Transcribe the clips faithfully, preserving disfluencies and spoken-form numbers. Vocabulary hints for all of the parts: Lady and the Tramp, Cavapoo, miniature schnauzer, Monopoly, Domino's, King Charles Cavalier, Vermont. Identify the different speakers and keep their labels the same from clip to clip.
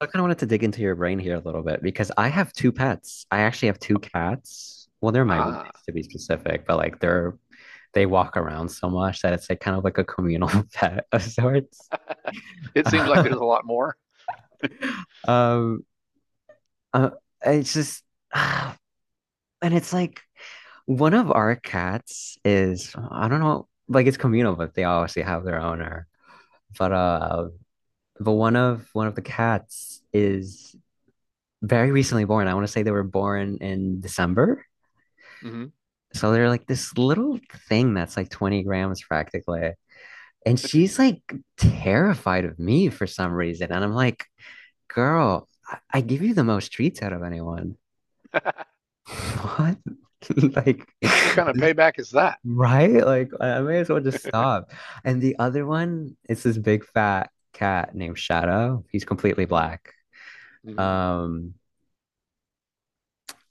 Speaker 1: I kind of wanted to dig into your brain here a little bit because I have two pets. I actually have two cats. Well, they're my
Speaker 2: Ah,
Speaker 1: roommates to be specific, but like they're they walk around so much that it's like kind of like a communal pet of sorts.
Speaker 2: it seems like there's a lot more.
Speaker 1: Um, uh, it's just, and it's like one of our cats is I don't know, like it's communal, but they obviously have their owner. But uh, but one of one of the cats is very recently born. I want to say they were born in December.
Speaker 2: Hmm.
Speaker 1: So they're like this little thing that's like twenty grams practically. And she's like terrified of me for some reason. And I'm like, girl, I, I give you the most treats out of anyone. What? Like,
Speaker 2: What kind of payback is that?
Speaker 1: right? Like, I may as well just stop. And the other one is this big fat cat named Shadow. He's completely black.
Speaker 2: Mm-hmm.
Speaker 1: Um,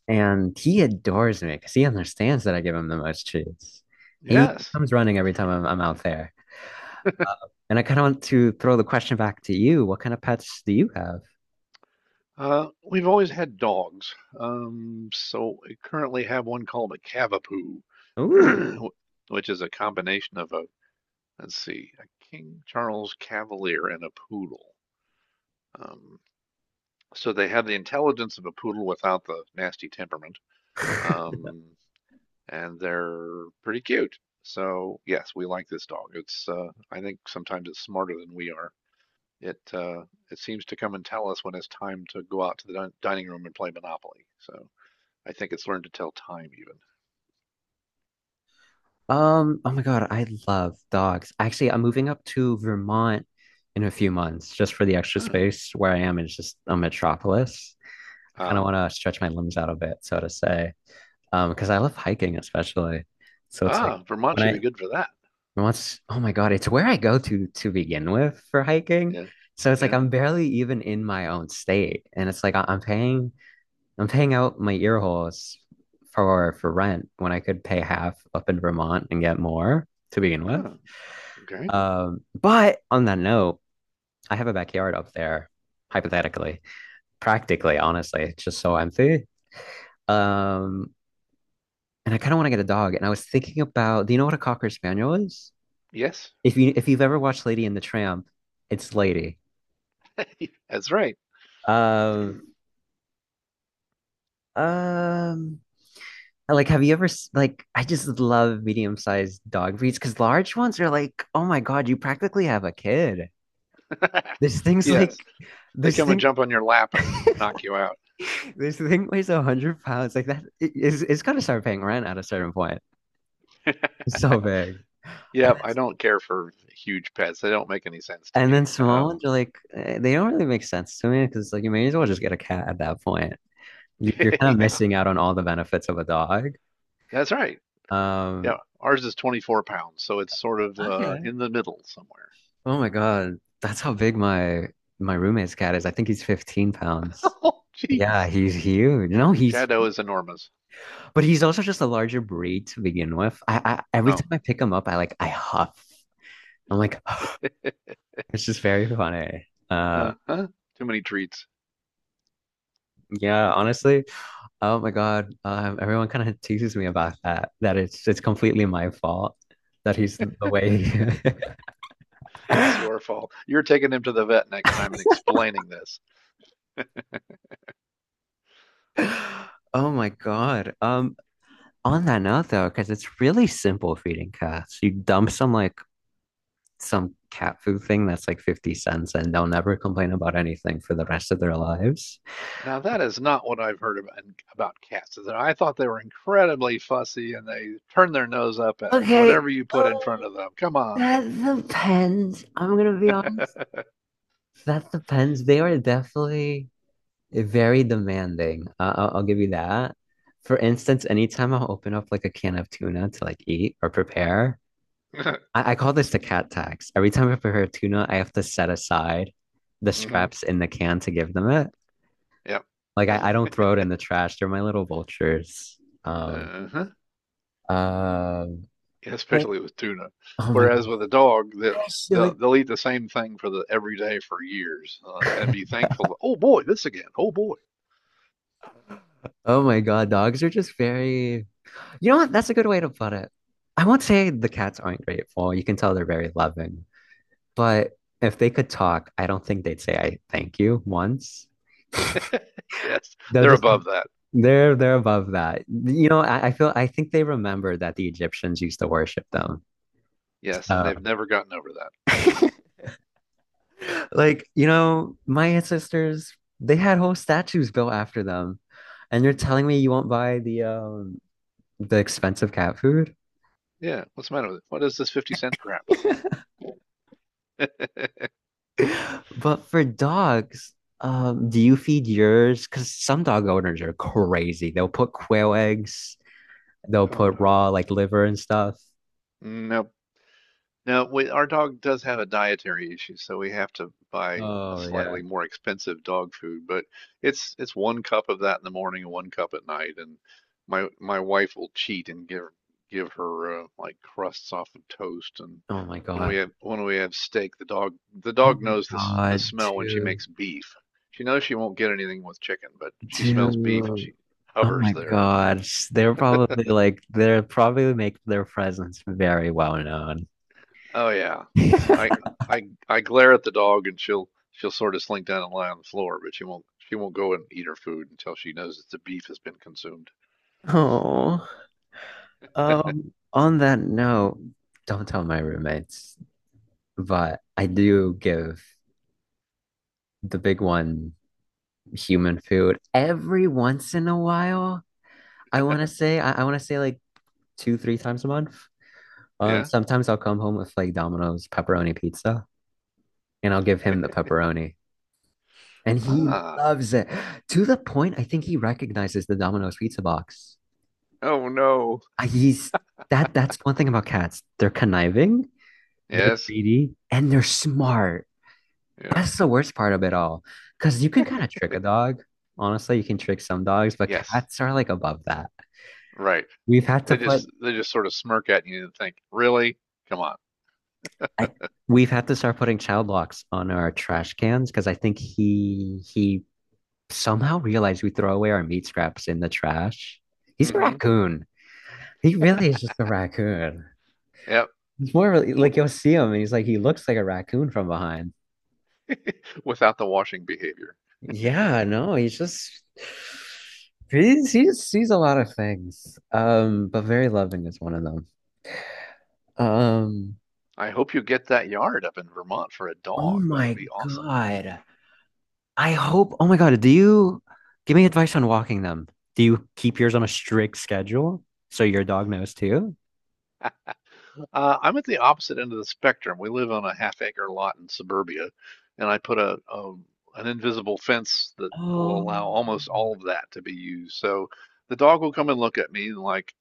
Speaker 1: and he adores me because he understands that I give him the most treats. He
Speaker 2: Yes.
Speaker 1: comes running every time I'm, I'm out there. Uh, And I kind of want to throw the question back to you. What kind of pets do you have?
Speaker 2: Uh, we've always had dogs. Um, so we currently have one called a Cavapoo,
Speaker 1: Ooh.
Speaker 2: which is a combination of a, let's see, a King Charles Cavalier and a poodle. Um, so they have the intelligence of a poodle without the nasty temperament. Um, and they're pretty cute. So yes, we like this dog. It's uh, I think sometimes it's smarter than we are. It uh, it seems to come and tell us when it's time to go out to the din- dining room and play Monopoly. So I think it's learned to tell time even.
Speaker 1: Um, oh my God, I love dogs. Actually, I'm moving up to Vermont in a few months just for the extra
Speaker 2: Huh.
Speaker 1: space where I am. Is just a metropolis. I kind of
Speaker 2: Ah.
Speaker 1: want to stretch my limbs out a bit, so to say. Um, because I love hiking especially. So it's like
Speaker 2: Ah, Vermont
Speaker 1: when
Speaker 2: should be
Speaker 1: I
Speaker 2: good for that.
Speaker 1: once, oh my God, it's where I go to to begin with for hiking.
Speaker 2: Yeah
Speaker 1: So it's like
Speaker 2: yeah.
Speaker 1: I'm barely even in my own state. And it's like I- I'm paying I'm paying out my ear holes for for rent when I could pay half up in Vermont and get more to begin with.
Speaker 2: Ah, okay.
Speaker 1: Um, but on that note, I have a backyard up there, hypothetically, practically, honestly, it's just so empty. Um, and I kind of want to get a dog. And I was thinking about, do you know what a cocker spaniel is?
Speaker 2: Yes,
Speaker 1: If you if you've ever watched Lady and the Tramp, it's Lady.
Speaker 2: that's right.
Speaker 1: Um, um, Like, have you ever s- like? I just love medium-sized dog breeds because large ones are like, oh my God, you practically have a kid. This thing's
Speaker 2: Yes,
Speaker 1: like,
Speaker 2: they
Speaker 1: this
Speaker 2: come and
Speaker 1: thing,
Speaker 2: jump on your lap and, and knock you out.
Speaker 1: this thing weighs a hundred pounds. Like that, it, it's it's gotta start paying rent at a certain point. It's so big.
Speaker 2: Yeah, I don't care for huge pets. They don't make any sense to
Speaker 1: And
Speaker 2: me.
Speaker 1: then small
Speaker 2: Um,
Speaker 1: ones are like, eh, they don't really make sense to me because like you may as well just get a cat at that point. You, you're kind of
Speaker 2: yeah.
Speaker 1: missing out on all the benefits of a dog.
Speaker 2: That's right. Yeah,
Speaker 1: Um,
Speaker 2: ours is twenty-four pounds, so it's sort of uh,
Speaker 1: Okay.
Speaker 2: in the middle somewhere.
Speaker 1: Oh my God. That's how big my my roommate's cat is. I think he's 15 pounds.
Speaker 2: Oh,
Speaker 1: Yeah,
Speaker 2: jeez.
Speaker 1: he's huge. No, he's
Speaker 2: Shadow is enormous.
Speaker 1: but he's also just a larger breed to begin with. I, I every
Speaker 2: Oh.
Speaker 1: time I pick him up, I like I huff. I'm like, it's just very funny. Uh
Speaker 2: Uh-huh. Too many treats.
Speaker 1: yeah, honestly. Oh my God. Um, everyone kind of teases me about that, that it's it's completely my fault that he's the way. he-
Speaker 2: It's your fault. You're taking him to the vet next time and explaining this.
Speaker 1: Oh my God. Um, On that note, though, because it's really simple feeding cats, you dump some like some cat food thing that's like fifty cents and they'll never complain about anything for the rest of their lives.
Speaker 2: Now, that is not what I've heard about, about cats. I thought they were incredibly fussy and they turn their nose up at
Speaker 1: Okay.
Speaker 2: whatever you put in front
Speaker 1: Oh,
Speaker 2: of them. Come on.
Speaker 1: that depends. I'm gonna be honest. That depends. They are definitely very demanding. Uh, I'll, I'll give you that. For instance, anytime I'll open up like a can of tuna to like eat or prepare, I, I call this the cat tax. Every time I prepare tuna, I have to set aside the
Speaker 2: Mm-hmm.
Speaker 1: scraps in the can to give them it.
Speaker 2: Yep.
Speaker 1: Like I, I don't throw it in the trash. They're my little vultures. Um,
Speaker 2: Uh-huh.
Speaker 1: um, but
Speaker 2: especially with tuna.
Speaker 1: Oh my God,
Speaker 2: Whereas with a dog, that they'll,
Speaker 1: actually,
Speaker 2: they'll eat the same thing for the every day for years uh, and be thankful. Oh boy, this again. Oh boy.
Speaker 1: oh my God, dogs are just very. You know what? That's a good way to put it. I won't say the cats aren't grateful. You can tell they're very loving, but if they could talk, I don't think they'd say I thank you once.
Speaker 2: Yes,
Speaker 1: They'll
Speaker 2: they're
Speaker 1: just like
Speaker 2: above that.
Speaker 1: they're they're above that. You know, I, I feel I think they remember that the Egyptians used to worship them.
Speaker 2: Yes, and
Speaker 1: So
Speaker 2: they've never gotten over that.
Speaker 1: like, you know, my ancestors, they had whole statues built after them. And you're
Speaker 2: Hmm.
Speaker 1: telling me you won't buy the um the expensive cat food?
Speaker 2: Yeah, what's the matter with it? What is this fifty cent crap?
Speaker 1: But for dogs, um, do you feed yours? Because some dog owners are crazy. They'll put quail eggs, they'll
Speaker 2: Oh
Speaker 1: put
Speaker 2: no.
Speaker 1: raw like liver and stuff.
Speaker 2: Nope. Now, we, our dog does have a dietary issue, so we have to buy a
Speaker 1: Oh yeah.
Speaker 2: slightly more expensive dog food, but it's it's one cup of that in the morning and one cup at night, and my my wife will cheat and give give her uh, like crusts off of toast, and
Speaker 1: Oh my
Speaker 2: when we
Speaker 1: God.
Speaker 2: have when we have steak, the dog the
Speaker 1: Oh
Speaker 2: dog
Speaker 1: my
Speaker 2: knows the s- the
Speaker 1: God,
Speaker 2: smell when she
Speaker 1: dude,
Speaker 2: makes beef. She knows she won't get anything with chicken, but she smells beef and
Speaker 1: dude.
Speaker 2: she
Speaker 1: Oh
Speaker 2: hovers
Speaker 1: my
Speaker 2: there.
Speaker 1: God, they're probably like they're probably make their presence very well known.
Speaker 2: Oh yeah. I I I glare at the dog and she'll she'll sort of slink down and lie on the floor, but she won't she won't go and eat her food until she knows that the beef has been consumed.
Speaker 1: Oh, um, on that note, don't tell my roommates, but I do give the big one human food every once in a while. I want to say, I, I want to say like two, three times a month. Um,
Speaker 2: Yeah?
Speaker 1: sometimes I'll come home with like Domino's pepperoni pizza and I'll give him the pepperoni. And he
Speaker 2: Ah.
Speaker 1: loves it to the point I think he recognizes the Domino's pizza box.
Speaker 2: Oh no.
Speaker 1: Uh, He's that that's one thing about cats. They're conniving, they're
Speaker 2: Yes.
Speaker 1: greedy, and they're smart.
Speaker 2: Yeah.
Speaker 1: That's the worst part of it all. Because you can kind of trick a dog. Honestly, you can trick some dogs, but
Speaker 2: Yes.
Speaker 1: cats are like above that.
Speaker 2: Right.
Speaker 1: We've had to
Speaker 2: They
Speaker 1: put
Speaker 2: just they just sort of smirk at you and think, "Really? Come on."
Speaker 1: I, we've had to start putting child locks on our trash cans because I think he he somehow realized we throw away our meat scraps in the trash. He's a
Speaker 2: Mm-hmm.
Speaker 1: raccoon. He really is just a raccoon.
Speaker 2: Yep.
Speaker 1: It's more really- like
Speaker 2: W-
Speaker 1: you'll see him and he's like he looks like a raccoon from behind.
Speaker 2: Without the washing behavior.
Speaker 1: Yeah, no, he's just he's he sees a lot of things. Um, but very loving is one of them. Um,
Speaker 2: I hope you get that yard up in Vermont for a
Speaker 1: oh
Speaker 2: dog. That would
Speaker 1: my
Speaker 2: be awesome.
Speaker 1: God. I hope, oh my God, do you give me advice on walking them? Do you keep yours on a strict schedule so your dog knows too?
Speaker 2: Uh, I'm at the opposite end of the spectrum. We live on a half acre lot in suburbia, and I put a, a an invisible fence that will
Speaker 1: Oh,
Speaker 2: allow almost all of that to be used. So the dog will come and look at me and like,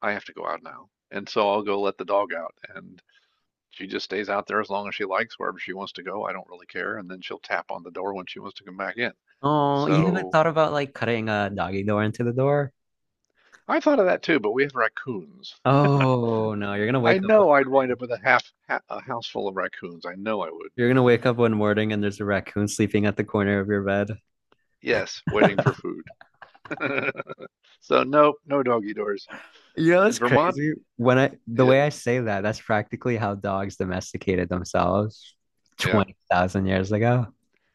Speaker 2: I have to go out now. And so I'll go let the dog out, and she just stays out there as long as she likes, wherever she wants to go. I don't really care. And then she'll tap on the door when she wants to come back in.
Speaker 1: oh, you haven't
Speaker 2: So
Speaker 1: thought about like cutting a doggy door into the door?
Speaker 2: I thought of that too, but we have raccoons.
Speaker 1: Oh no, you're gonna
Speaker 2: I
Speaker 1: wake up
Speaker 2: know I'd wind up with a half a house full of raccoons. I know I would.
Speaker 1: You're gonna wake up one morning and there's a raccoon sleeping at the corner of your bed.
Speaker 2: Yes, waiting for food. So no, no doggy doors
Speaker 1: You know,
Speaker 2: in
Speaker 1: it's
Speaker 2: Vermont.
Speaker 1: crazy. When I The
Speaker 2: Yeah,
Speaker 1: way I say that, that's practically how dogs domesticated themselves
Speaker 2: yeah,
Speaker 1: twenty thousand years ago.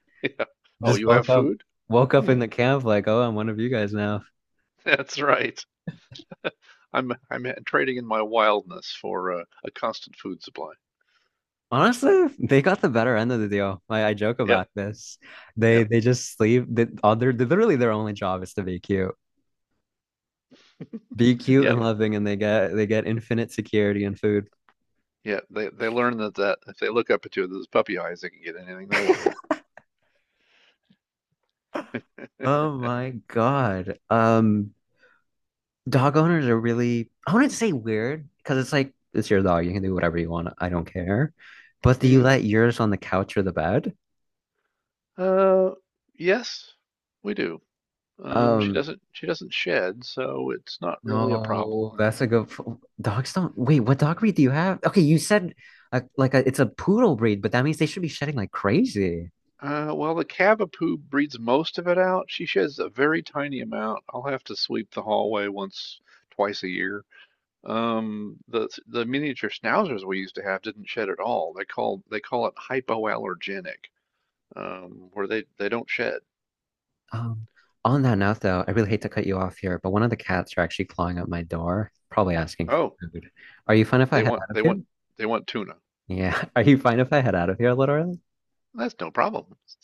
Speaker 2: yeah. Oh,
Speaker 1: Just
Speaker 2: you have
Speaker 1: woke up
Speaker 2: food?
Speaker 1: Woke up in
Speaker 2: Hmm,
Speaker 1: the camp like, "Oh, I'm one of you guys now."
Speaker 2: that's right. I'm I'm trading in my wildness for uh, a constant food supply.
Speaker 1: Honestly, they got the better end of the deal. I, I joke about
Speaker 2: Yep,
Speaker 1: this. They
Speaker 2: yep,
Speaker 1: they just sleep. They, all their literally their only job is to be cute, be cute and
Speaker 2: yep,
Speaker 1: loving, and they get they get infinite security and food.
Speaker 2: yep. They they learn that that if they look up at you with those puppy eyes, they can get anything they want.
Speaker 1: Oh my God. Um, Dog owners are really, I wouldn't say weird because it's like, it's your dog. You can do whatever you want. I don't care. But do you
Speaker 2: Hmm.
Speaker 1: let yours on the couch or the bed?
Speaker 2: Uh, yes, we do. Um, she
Speaker 1: Um,
Speaker 2: doesn't she doesn't shed, so it's not really a
Speaker 1: No,
Speaker 2: problem.
Speaker 1: that's a good. f- Dogs don't. Wait, what dog breed do you have? Okay, you said uh, like a, it's a poodle breed, but that means they should be shedding like crazy.
Speaker 2: Uh, well, the Cavapoo breeds most of it out. She sheds a very tiny amount. I'll have to sweep the hallway once, twice a year. Um, the the miniature schnauzers we used to have didn't shed at all. They call they call it hypoallergenic, um, where they they don't shed.
Speaker 1: Um, on that note, though, I really hate to cut you off here, but one of the cats are actually clawing up my door, probably asking for
Speaker 2: Oh,
Speaker 1: food. Are you fine if I
Speaker 2: they
Speaker 1: head
Speaker 2: want
Speaker 1: out of
Speaker 2: they
Speaker 1: here?
Speaker 2: want they want tuna.
Speaker 1: Yeah. Are you fine if I head out of here a little early?
Speaker 2: That's no problem.